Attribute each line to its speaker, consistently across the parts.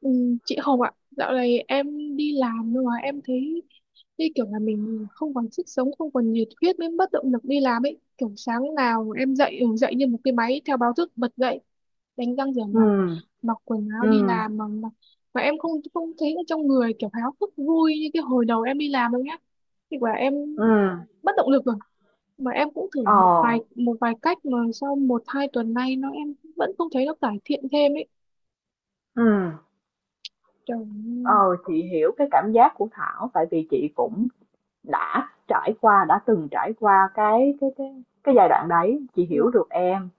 Speaker 1: Ừ, chị Hồng ạ, dạo này em đi làm nhưng mà em thấy như kiểu là mình không còn sức sống, không còn nhiệt huyết mới mất động lực đi làm ấy. Kiểu sáng nào em dậy, dậy như một cái máy theo báo thức bật dậy, đánh răng rửa
Speaker 2: Ừ,
Speaker 1: mặt, mặc quần áo
Speaker 2: ừ,
Speaker 1: đi làm mà, mà em không không thấy ở trong người kiểu háo hức vui như cái hồi đầu em đi làm đâu nhá. Thì quả em
Speaker 2: ừ.
Speaker 1: mất động lực rồi. Mà em cũng thử
Speaker 2: ờ,
Speaker 1: một vài cách mà sau một hai tuần nay nó em vẫn không thấy nó cải thiện thêm ấy.
Speaker 2: ừ
Speaker 1: Trời ơi.
Speaker 2: ờ, chị hiểu cái cảm giác của Thảo, tại vì chị cũng đã trải qua đã từng trải qua cái giai đoạn đấy, chị hiểu
Speaker 1: Dạ,
Speaker 2: được em.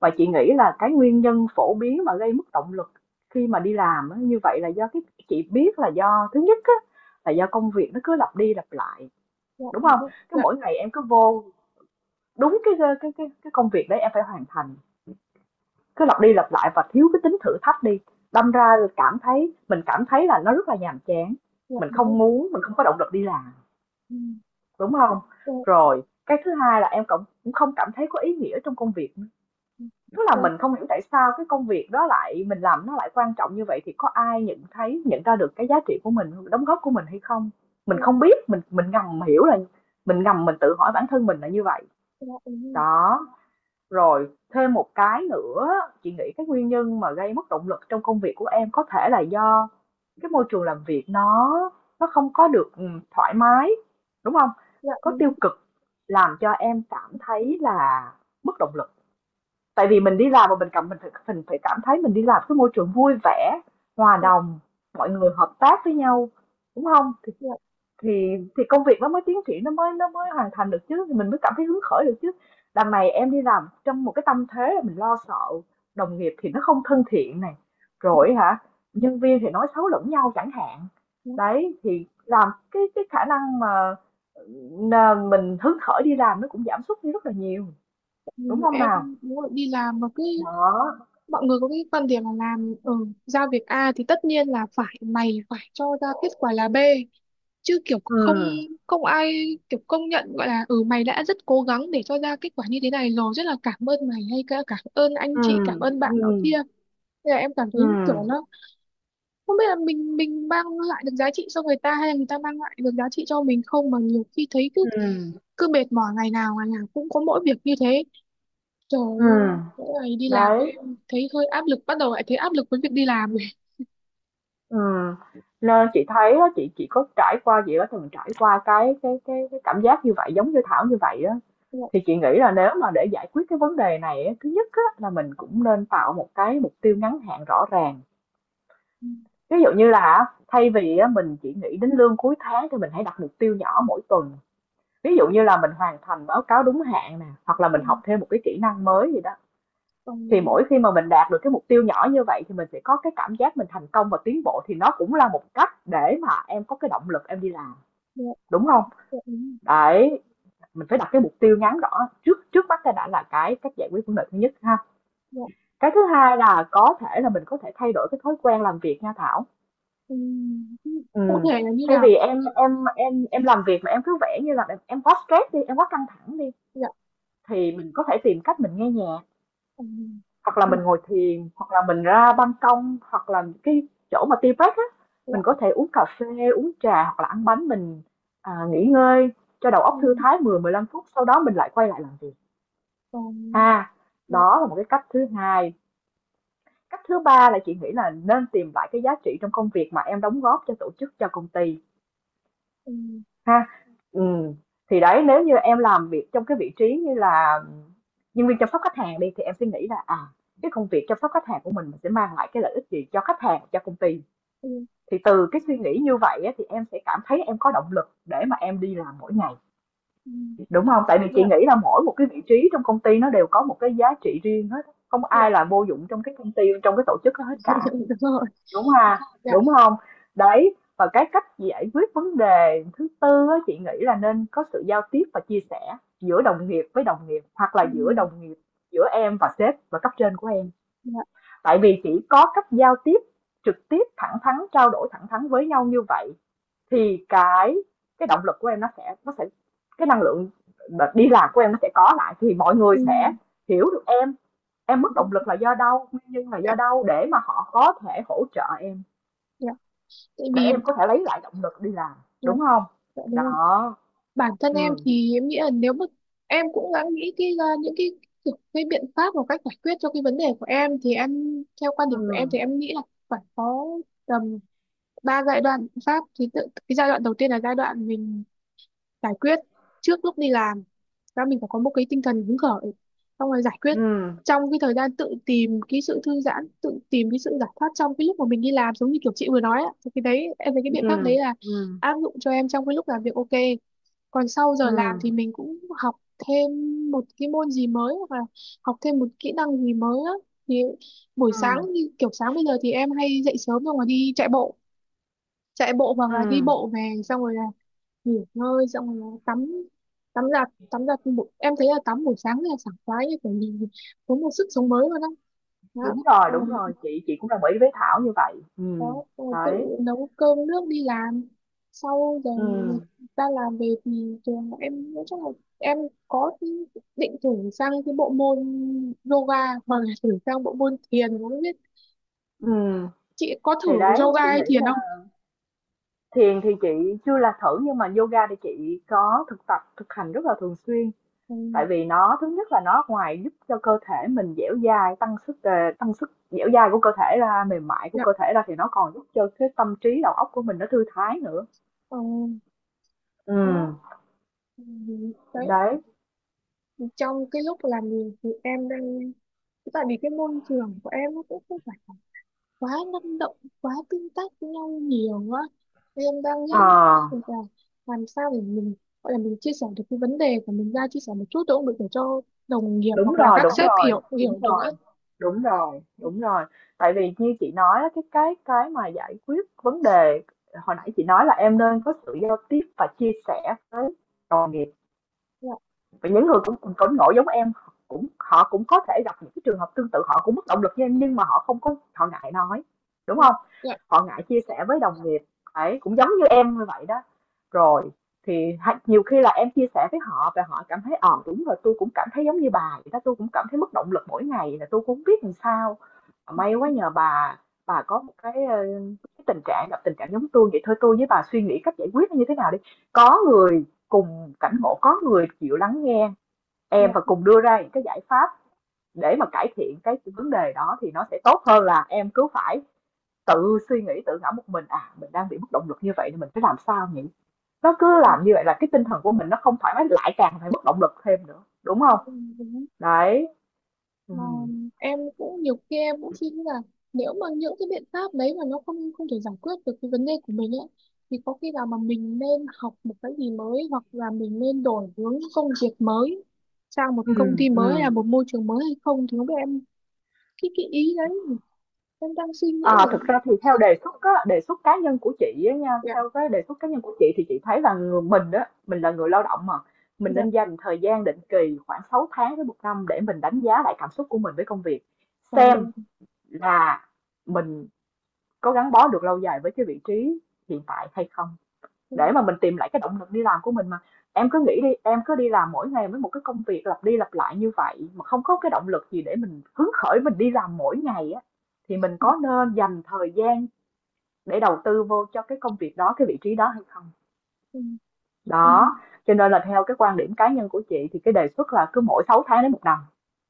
Speaker 2: Và chị nghĩ là cái nguyên nhân phổ biến mà gây mất động lực khi mà đi làm á, như vậy là do chị biết là do thứ nhất á, là do công việc nó cứ lặp đi lặp lại,
Speaker 1: dạ,
Speaker 2: đúng
Speaker 1: đúng
Speaker 2: không?
Speaker 1: rồi.
Speaker 2: Cái
Speaker 1: Dạ.
Speaker 2: mỗi ngày em cứ vô đúng cái công việc đấy em phải hoàn thành, cứ lặp đi lặp lại và thiếu cái tính thử thách đi, đâm ra cảm thấy là nó rất là nhàm chán,
Speaker 1: Dạ
Speaker 2: mình
Speaker 1: đúng rồi.
Speaker 2: không muốn, mình không có động lực đi làm,
Speaker 1: Ừ.
Speaker 2: đúng không?
Speaker 1: dạ
Speaker 2: Rồi cái thứ hai là em cũng cũng không cảm thấy có ý nghĩa trong công việc, tức là
Speaker 1: dạ
Speaker 2: mình không hiểu tại sao cái công việc đó lại mình làm, nó lại quan trọng như vậy, thì có ai nhận thấy, nhận ra được cái giá trị của mình đóng góp của mình hay không. Mình
Speaker 1: dạ
Speaker 2: không biết, mình ngầm hiểu là mình ngầm, mình tự hỏi bản thân mình là như vậy
Speaker 1: dạ dạ, đúng rồi.
Speaker 2: đó. Rồi, thêm một cái nữa, chị nghĩ cái nguyên nhân mà gây mất động lực trong công việc của em có thể là do cái môi trường làm việc nó không có được thoải mái, đúng không?
Speaker 1: Dạ
Speaker 2: Có
Speaker 1: đúng
Speaker 2: tiêu
Speaker 1: rồi.
Speaker 2: cực làm cho em cảm
Speaker 1: dạ
Speaker 2: thấy là mất động lực. Tại vì mình đi làm mà mình phải cảm thấy mình đi làm cái môi trường vui vẻ, hòa
Speaker 1: dạ
Speaker 2: đồng, mọi người hợp tác với nhau, đúng không? Thì
Speaker 1: dạ
Speaker 2: thì thì công việc nó mới tiến triển, nó mới hoàn thành được chứ, thì mình mới cảm thấy hứng khởi được chứ. Đằng này em đi làm trong một cái tâm thế là mình lo sợ, đồng nghiệp thì nó không thân thiện này, rồi hả, nhân viên thì nói xấu lẫn nhau chẳng hạn.
Speaker 1: dạ.
Speaker 2: Đấy, thì làm cái khả năng mà, mình hứng khởi đi làm nó cũng giảm sút đi rất là nhiều,
Speaker 1: Tại
Speaker 2: đúng
Speaker 1: vì
Speaker 2: không
Speaker 1: em
Speaker 2: nào?
Speaker 1: đúng rồi, đi làm mà cứ
Speaker 2: Đó.
Speaker 1: mọi người có cái quan điểm là làm ở, giao việc A thì tất nhiên là phải mày phải cho ra kết quả là B chứ kiểu không,
Speaker 2: Ừ,
Speaker 1: không ai kiểu công nhận gọi là ừ mày đã rất cố gắng để cho ra kết quả như thế này rồi, rất là cảm ơn mày hay cả cảm ơn anh
Speaker 2: ừ,
Speaker 1: chị, cảm ơn bạn
Speaker 2: ừ,
Speaker 1: nọ kia. Thế là em cảm thấy
Speaker 2: ừ,
Speaker 1: kiểu nó không biết là mình mang lại được giá trị cho người ta hay là người ta mang lại được giá trị cho mình không, mà nhiều khi thấy cứ
Speaker 2: ừ,
Speaker 1: cứ mệt mỏi, ngày nào cũng có mỗi việc như thế. Trời
Speaker 2: ừ.
Speaker 1: ơi, mỗi ngày đi làm
Speaker 2: Đấy.
Speaker 1: ấy, thấy hơi áp lực, bắt đầu lại thấy áp lực với việc đi làm rồi.
Speaker 2: Ừ. Nên chị thấy á, chị có trải qua chị đã từng trải qua cái cảm giác như vậy, giống như Thảo như vậy á,
Speaker 1: Dạ,
Speaker 2: thì chị nghĩ là nếu mà để giải quyết cái vấn đề này á, thứ nhất á, là mình cũng nên tạo một cái mục tiêu ngắn hạn rõ ràng.
Speaker 1: ừ,
Speaker 2: Ví dụ như là thay vì á, mình chỉ nghĩ đến lương cuối tháng, thì mình hãy đặt mục tiêu nhỏ mỗi tuần, ví dụ như là mình hoàn thành báo cáo đúng hạn nè, hoặc là mình
Speaker 1: ăn,
Speaker 2: học thêm một cái kỹ năng mới gì đó.
Speaker 1: còn
Speaker 2: Thì mỗi khi mà mình đạt được cái mục tiêu nhỏ như vậy thì mình sẽ có cái cảm giác mình thành công và tiến bộ, thì nó cũng là một cách để mà em có cái động lực em đi làm,
Speaker 1: dạ,
Speaker 2: đúng không?
Speaker 1: dạ, ừ,
Speaker 2: Đấy, mình phải đặt cái mục tiêu ngắn rõ trước trước mắt cái đã, là cái cách giải quyết vấn đề thứ nhất ha.
Speaker 1: dạ,
Speaker 2: Cái thứ hai là có thể là mình có thể thay đổi cái thói quen làm việc nha Thảo.
Speaker 1: ừ, ừ. Cụ
Speaker 2: Ừm,
Speaker 1: thể là như
Speaker 2: thay
Speaker 1: nào?
Speaker 2: vì em làm việc mà em cứ vẽ như là em quá stress đi, em quá căng thẳng đi,
Speaker 1: Dạ,
Speaker 2: thì mình có thể tìm cách mình nghe nhạc.
Speaker 1: ừ,
Speaker 2: Hoặc là
Speaker 1: ừ,
Speaker 2: mình ngồi thiền, hoặc là mình ra ban công, hoặc là cái chỗ mà tea break á,
Speaker 1: dạ,
Speaker 2: mình có thể uống cà phê, uống trà hoặc là ăn bánh mình, nghỉ ngơi cho đầu
Speaker 1: ừ,
Speaker 2: óc thư thái 10-15 phút, sau đó mình lại quay lại làm việc
Speaker 1: còn
Speaker 2: ha.
Speaker 1: dạ,
Speaker 2: Đó là một cái cách thứ hai. Cách thứ ba là chị nghĩ là nên tìm lại cái giá trị trong công việc mà em đóng góp cho tổ chức, cho công ty.
Speaker 1: ừ,
Speaker 2: Ha, ừm, thì đấy, nếu như em làm việc trong cái vị trí như là nhân viên chăm sóc khách hàng đi, thì em sẽ nghĩ là, à, cái công việc chăm sóc khách hàng của mình sẽ mang lại cái lợi ích gì cho khách hàng, cho công ty.
Speaker 1: ừ,
Speaker 2: Thì từ cái suy nghĩ như vậy á, thì em sẽ cảm thấy em có động lực để mà em đi làm mỗi ngày,
Speaker 1: ừ,
Speaker 2: đúng không? Tại vì chị
Speaker 1: dạ,
Speaker 2: nghĩ là mỗi một cái vị trí trong công ty nó đều có một cái giá trị riêng hết, không
Speaker 1: dạ
Speaker 2: ai là vô dụng trong cái công ty, trong cái tổ chức đó hết cả.
Speaker 1: đúng rồi.
Speaker 2: Đúng ha,
Speaker 1: Dạ,
Speaker 2: đúng không? Đấy, và cái cách giải quyết vấn đề thứ tư á, chị nghĩ là nên có sự giao tiếp và chia sẻ giữa đồng nghiệp với đồng nghiệp, hoặc
Speaker 1: ừ,
Speaker 2: là giữa đồng nghiệp, giữa em và sếp và cấp trên của em.
Speaker 1: dạ,
Speaker 2: Tại vì chỉ có cách giao tiếp trực tiếp, thẳng thắn, trao đổi thẳng thắn với nhau như vậy thì cái động lực của em nó sẽ, cái năng lượng đi làm của em nó sẽ có lại, thì mọi người
Speaker 1: ừ,
Speaker 2: sẽ hiểu được em mất
Speaker 1: ừ,
Speaker 2: động lực là do đâu, nguyên nhân là
Speaker 1: dạ.
Speaker 2: do đâu, để mà họ có thể hỗ trợ em,
Speaker 1: Dạ, tại
Speaker 2: để
Speaker 1: vì
Speaker 2: em có thể lấy lại động lực đi làm,
Speaker 1: dạ,
Speaker 2: đúng không?
Speaker 1: dạ đúng rồi.
Speaker 2: Đó.
Speaker 1: Bản thân em
Speaker 2: Ừ,
Speaker 1: thì em nghĩ là, nếu mà em cũng đã nghĩ cái ra những cái kiểu cái biện pháp và cách giải quyết cho cái vấn đề của em, thì em theo quan điểm
Speaker 2: ừ,
Speaker 1: của em thì em nghĩ là phải có tầm ba giai đoạn biện pháp thì tự, cái giai đoạn đầu tiên là giai đoạn mình giải quyết trước lúc đi làm, và mình phải có một cái tinh thần hứng khởi, xong rồi giải quyết
Speaker 2: ừ,
Speaker 1: trong cái thời gian, tự tìm cái sự thư giãn, tự tìm cái sự giải thoát trong cái lúc mà mình đi làm giống như kiểu chị vừa nói ạ. Thì cái đấy em thấy cái
Speaker 2: ừ,
Speaker 1: biện pháp đấy là
Speaker 2: ừ,
Speaker 1: áp dụng cho em trong cái lúc làm việc, ok. Còn sau
Speaker 2: ừ,
Speaker 1: giờ làm thì mình cũng học thêm một cái môn gì mới, hoặc là học thêm một kỹ năng gì mới á. Thì buổi sáng,
Speaker 2: ừ,
Speaker 1: như kiểu sáng bây giờ thì em hay dậy sớm, xong rồi đi chạy bộ, chạy bộ hoặc
Speaker 2: ừ.
Speaker 1: là đi bộ về, xong rồi là nghỉ ngơi, xong rồi là tắm, tắm giặt, em thấy là tắm buổi sáng là sảng khoái, như kiểu nhìn có một sức sống mới luôn á. Đó,
Speaker 2: Đúng rồi, đúng
Speaker 1: còn
Speaker 2: rồi, chị cũng đồng ý với Thảo như vậy. Ừ.
Speaker 1: có tự
Speaker 2: Đấy.
Speaker 1: nấu cơm nước đi làm sau giờ
Speaker 2: Ừ,
Speaker 1: người ta làm về thì trường em nói chung là em có định thử sang cái bộ môn yoga, hoặc là thử sang bộ môn thiền, không biết
Speaker 2: ừ,
Speaker 1: chị có thử
Speaker 2: thì đấy chị
Speaker 1: yoga hay
Speaker 2: nghĩ
Speaker 1: thiền
Speaker 2: là
Speaker 1: không?
Speaker 2: thiền thì chị chưa là thử, nhưng mà yoga thì chị có thực tập, thực hành rất là thường xuyên.
Speaker 1: Ừ.
Speaker 2: Tại vì nó, thứ nhất là nó ngoài giúp cho cơ thể mình dẻo dai, tăng sức, tăng sức dẻo dai của cơ thể ra, mềm mại của
Speaker 1: Dạ,
Speaker 2: cơ thể ra, thì nó còn giúp cho cái tâm trí đầu óc của mình nó thư thái nữa.
Speaker 1: ờ,
Speaker 2: Ừ.
Speaker 1: đó. Ừ, đấy,
Speaker 2: Đấy.
Speaker 1: trong cái lúc làm việc thì em đang, tại vì cái môi trường của em nó cũng không phải quá năng động, quá tương tác với nhau nhiều á. Thì em đang nghĩ
Speaker 2: à
Speaker 1: là làm sao để mình gọi là mình chia sẻ được cái vấn đề của mình ra, chia sẻ một chút cũng được, để cho đồng nghiệp
Speaker 2: Đúng
Speaker 1: hoặc là
Speaker 2: rồi,
Speaker 1: các
Speaker 2: đúng
Speaker 1: sếp
Speaker 2: rồi,
Speaker 1: hiểu,
Speaker 2: đúng
Speaker 1: hiểu được á.
Speaker 2: rồi. Đúng rồi, đúng rồi. Tại vì như chị nói á, cái mà giải quyết vấn đề hồi nãy chị nói là em nên có sự giao tiếp và chia sẻ với đồng nghiệp.
Speaker 1: Dạ,
Speaker 2: Vậy những người cũng cùng cứng nổi giống em, cũng họ cũng có thể gặp những cái trường hợp tương tự, họ cũng mất động lực như em nhưng mà họ không có, họ ngại nói, đúng
Speaker 1: dạ,
Speaker 2: không? Họ ngại chia sẻ với đồng nghiệp, ấy cũng giống như em như vậy đó. Rồi, thì nhiều khi là em chia sẻ với họ và họ cảm thấy, ờ, đúng rồi, tôi cũng cảm thấy giống như bà vậy đó, tôi cũng cảm thấy mất động lực mỗi ngày, là tôi cũng hông biết làm sao, may quá nhờ bà có một cái, ờ, cái tình trạng, gặp tình trạng giống tôi vậy, thôi tôi với bà suy nghĩ cách giải quyết như thế nào đi. Có người cùng cảnh ngộ, có người chịu lắng nghe em và
Speaker 1: dạ,
Speaker 2: cùng đưa ra những cái giải pháp để mà cải thiện cái vấn đề đó, thì nó sẽ tốt hơn là em cứ phải tự suy nghĩ, tự ngẫm một mình, à mình đang bị mất động lực như vậy thì mình phải làm sao nhỉ. Nó cứ làm như vậy là cái tinh thần của mình nó không thoải mái, lại càng phải mất động lực thêm nữa, đúng không?
Speaker 1: dạ.
Speaker 2: Đấy. Ừ.
Speaker 1: Ờ, em cũng nhiều khi em cũng suy nghĩ là nếu mà những cái biện pháp đấy mà nó không không thể giải quyết được cái vấn đề của mình ấy, thì có khi nào mà mình nên học một cái gì mới, hoặc là mình nên đổi hướng công việc mới, sang một
Speaker 2: Ừ,
Speaker 1: công ty mới hay
Speaker 2: ừ.
Speaker 1: là một môi trường mới hay không, thì không biết em cái ý đấy em đang suy nghĩ
Speaker 2: À,
Speaker 1: là.
Speaker 2: thực ra thì theo đề xuất á, đề xuất cá nhân của chị á nha,
Speaker 1: Dạ,
Speaker 2: theo cái đề xuất cá nhân của chị, thì chị thấy là người mình đó, mình là người lao động mà, mình
Speaker 1: dạ,
Speaker 2: nên dành thời gian định kỳ khoảng 6 tháng đến một năm để mình đánh giá lại cảm xúc của mình với công việc,
Speaker 1: ờ,
Speaker 2: xem là mình có gắn bó được lâu dài với cái vị trí hiện tại hay không,
Speaker 1: ừ,
Speaker 2: để mà mình tìm lại cái động lực đi làm của mình mà. Em cứ nghĩ đi, em cứ đi làm mỗi ngày với một cái công việc lặp đi lặp lại như vậy, mà không có cái động lực gì để mình hứng khởi mình đi làm mỗi ngày á, thì mình có nên dành thời gian để đầu tư vô cho cái công việc đó, cái vị trí đó hay không?
Speaker 1: ừ, ừ,
Speaker 2: Đó, cho nên là theo cái quan điểm cá nhân của chị thì cái đề xuất là cứ mỗi 6 tháng đến một năm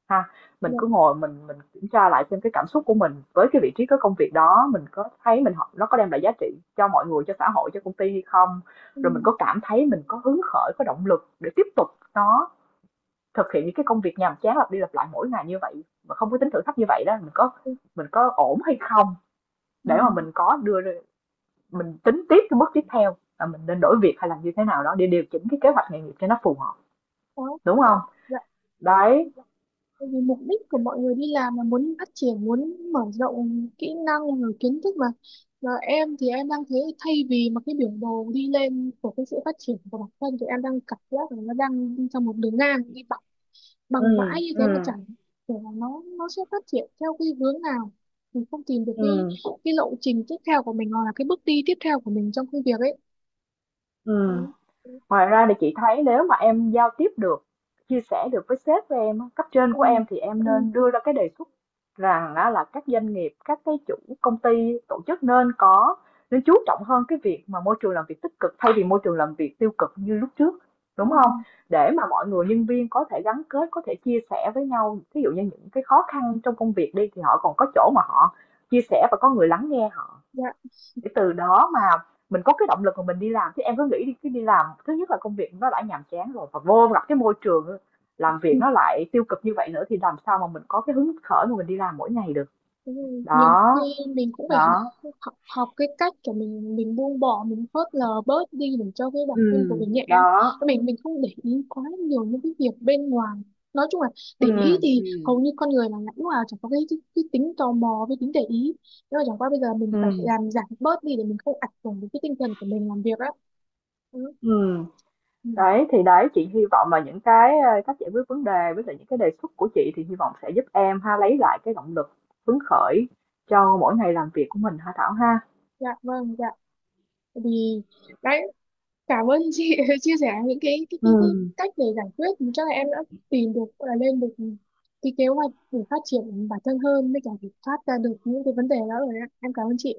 Speaker 2: ha. Mình
Speaker 1: dạ,
Speaker 2: cứ ngồi mình kiểm tra lại xem cái cảm xúc của mình với cái vị trí, cái công việc đó, mình có thấy mình học nó có đem lại giá trị cho mọi người, cho xã hội, cho công ty hay không?
Speaker 1: ừ,
Speaker 2: Rồi mình có cảm thấy mình có hứng khởi, có động lực để tiếp tục nó, thực hiện những cái công việc nhàm chán lặp đi lặp lại mỗi ngày như vậy mà không có tính thử thách như vậy đó,
Speaker 1: ừ,
Speaker 2: mình có ổn hay không,
Speaker 1: ừ,
Speaker 2: để mà mình có đưa, mình tính tiếp cái bước tiếp theo là mình nên đổi việc hay là như thế nào đó để điều chỉnh cái kế hoạch nghề nghiệp cho nó phù hợp,
Speaker 1: đó,
Speaker 2: đúng không?
Speaker 1: dạ.
Speaker 2: Đấy.
Speaker 1: Tại vì mục đích của mọi người đi làm là muốn phát triển, muốn mở rộng kỹ năng rồi kiến thức mà. Và em thì em đang thấy thay vì mà cái biểu đồ đi lên của cái sự phát triển của bản thân, thì em đang cảm giác là nó đang đi trong một đường ngang, đi bằng bằng
Speaker 2: Ừm,
Speaker 1: mãi như thế mà
Speaker 2: ừm,
Speaker 1: chẳng thể là nó sẽ phát triển theo cái hướng nào, mình không tìm được
Speaker 2: ừm,
Speaker 1: cái lộ trình tiếp theo của mình, hoặc là cái bước đi tiếp theo của mình trong công việc ấy.
Speaker 2: ừm.
Speaker 1: Ừ. Ừ.
Speaker 2: Ngoài ra thì chị thấy nếu mà em giao tiếp được, chia sẻ được với sếp của em, cấp trên
Speaker 1: Ừ.
Speaker 2: của em, thì em
Speaker 1: Ừ.
Speaker 2: nên đưa ra cái đề xuất rằng á, là các doanh nghiệp, các cái chủ công ty, tổ chức nên có, nên chú trọng hơn cái việc mà môi trường làm việc tích cực, thay vì môi trường làm việc tiêu cực như lúc trước,
Speaker 1: Ừ,
Speaker 2: đúng không? Để mà mọi người nhân viên có thể gắn kết, có thể chia sẻ với nhau, ví dụ như những cái khó khăn trong công việc đi, thì họ còn có chỗ mà họ chia sẻ và có người lắng nghe họ,
Speaker 1: dạ.
Speaker 2: để từ đó mà mình có cái động lực mà mình đi làm. Chứ em cứ nghĩ đi, cứ đi làm thứ nhất là công việc nó đã nhàm chán rồi, và vô gặp cái môi trường làm
Speaker 1: Ừ.
Speaker 2: việc nó lại tiêu cực như vậy nữa, thì làm sao mà mình có cái hứng khởi mà mình đi làm mỗi ngày được.
Speaker 1: Đúng rồi. Nhiều khi
Speaker 2: Đó.
Speaker 1: mình cũng phải học,
Speaker 2: Đó.
Speaker 1: học, học cái cách của mình buông bỏ, mình phớt lờ bớt đi để cho cái bản
Speaker 2: Ừ.
Speaker 1: thân của mình nhẹ,
Speaker 2: Đó.
Speaker 1: mình không để ý quá nhiều những cái việc bên ngoài. Nói chung là để
Speaker 2: Ừ,
Speaker 1: ý thì
Speaker 2: ừ,
Speaker 1: hầu như con người mà lúc nào chẳng có cái tính tò mò với tính để ý, nhưng mà chẳng qua bây giờ mình
Speaker 2: ừ,
Speaker 1: phải làm giảm bớt đi để mình không ảnh hưởng đến cái tinh thần của mình làm việc á. Ừ.
Speaker 2: ừ,
Speaker 1: Ừ.
Speaker 2: đấy, thì đấy chị hy vọng là những cái cách giải quyết vấn đề với lại những cái đề xuất của chị, thì hy vọng sẽ giúp em ha, lấy lại cái động lực hứng khởi cho mỗi ngày làm việc của mình ha Thảo ha.
Speaker 1: Dạ vâng, dạ, vì đấy, cảm ơn chị đã chia sẻ những cái, cái
Speaker 2: Ừ.
Speaker 1: cách để giải quyết. Thì chắc là em đã tìm được, gọi là lên được cái kế hoạch để phát triển bản thân hơn, với cả để thoát ra được những cái vấn đề đó rồi đấy ạ. Em cảm ơn chị.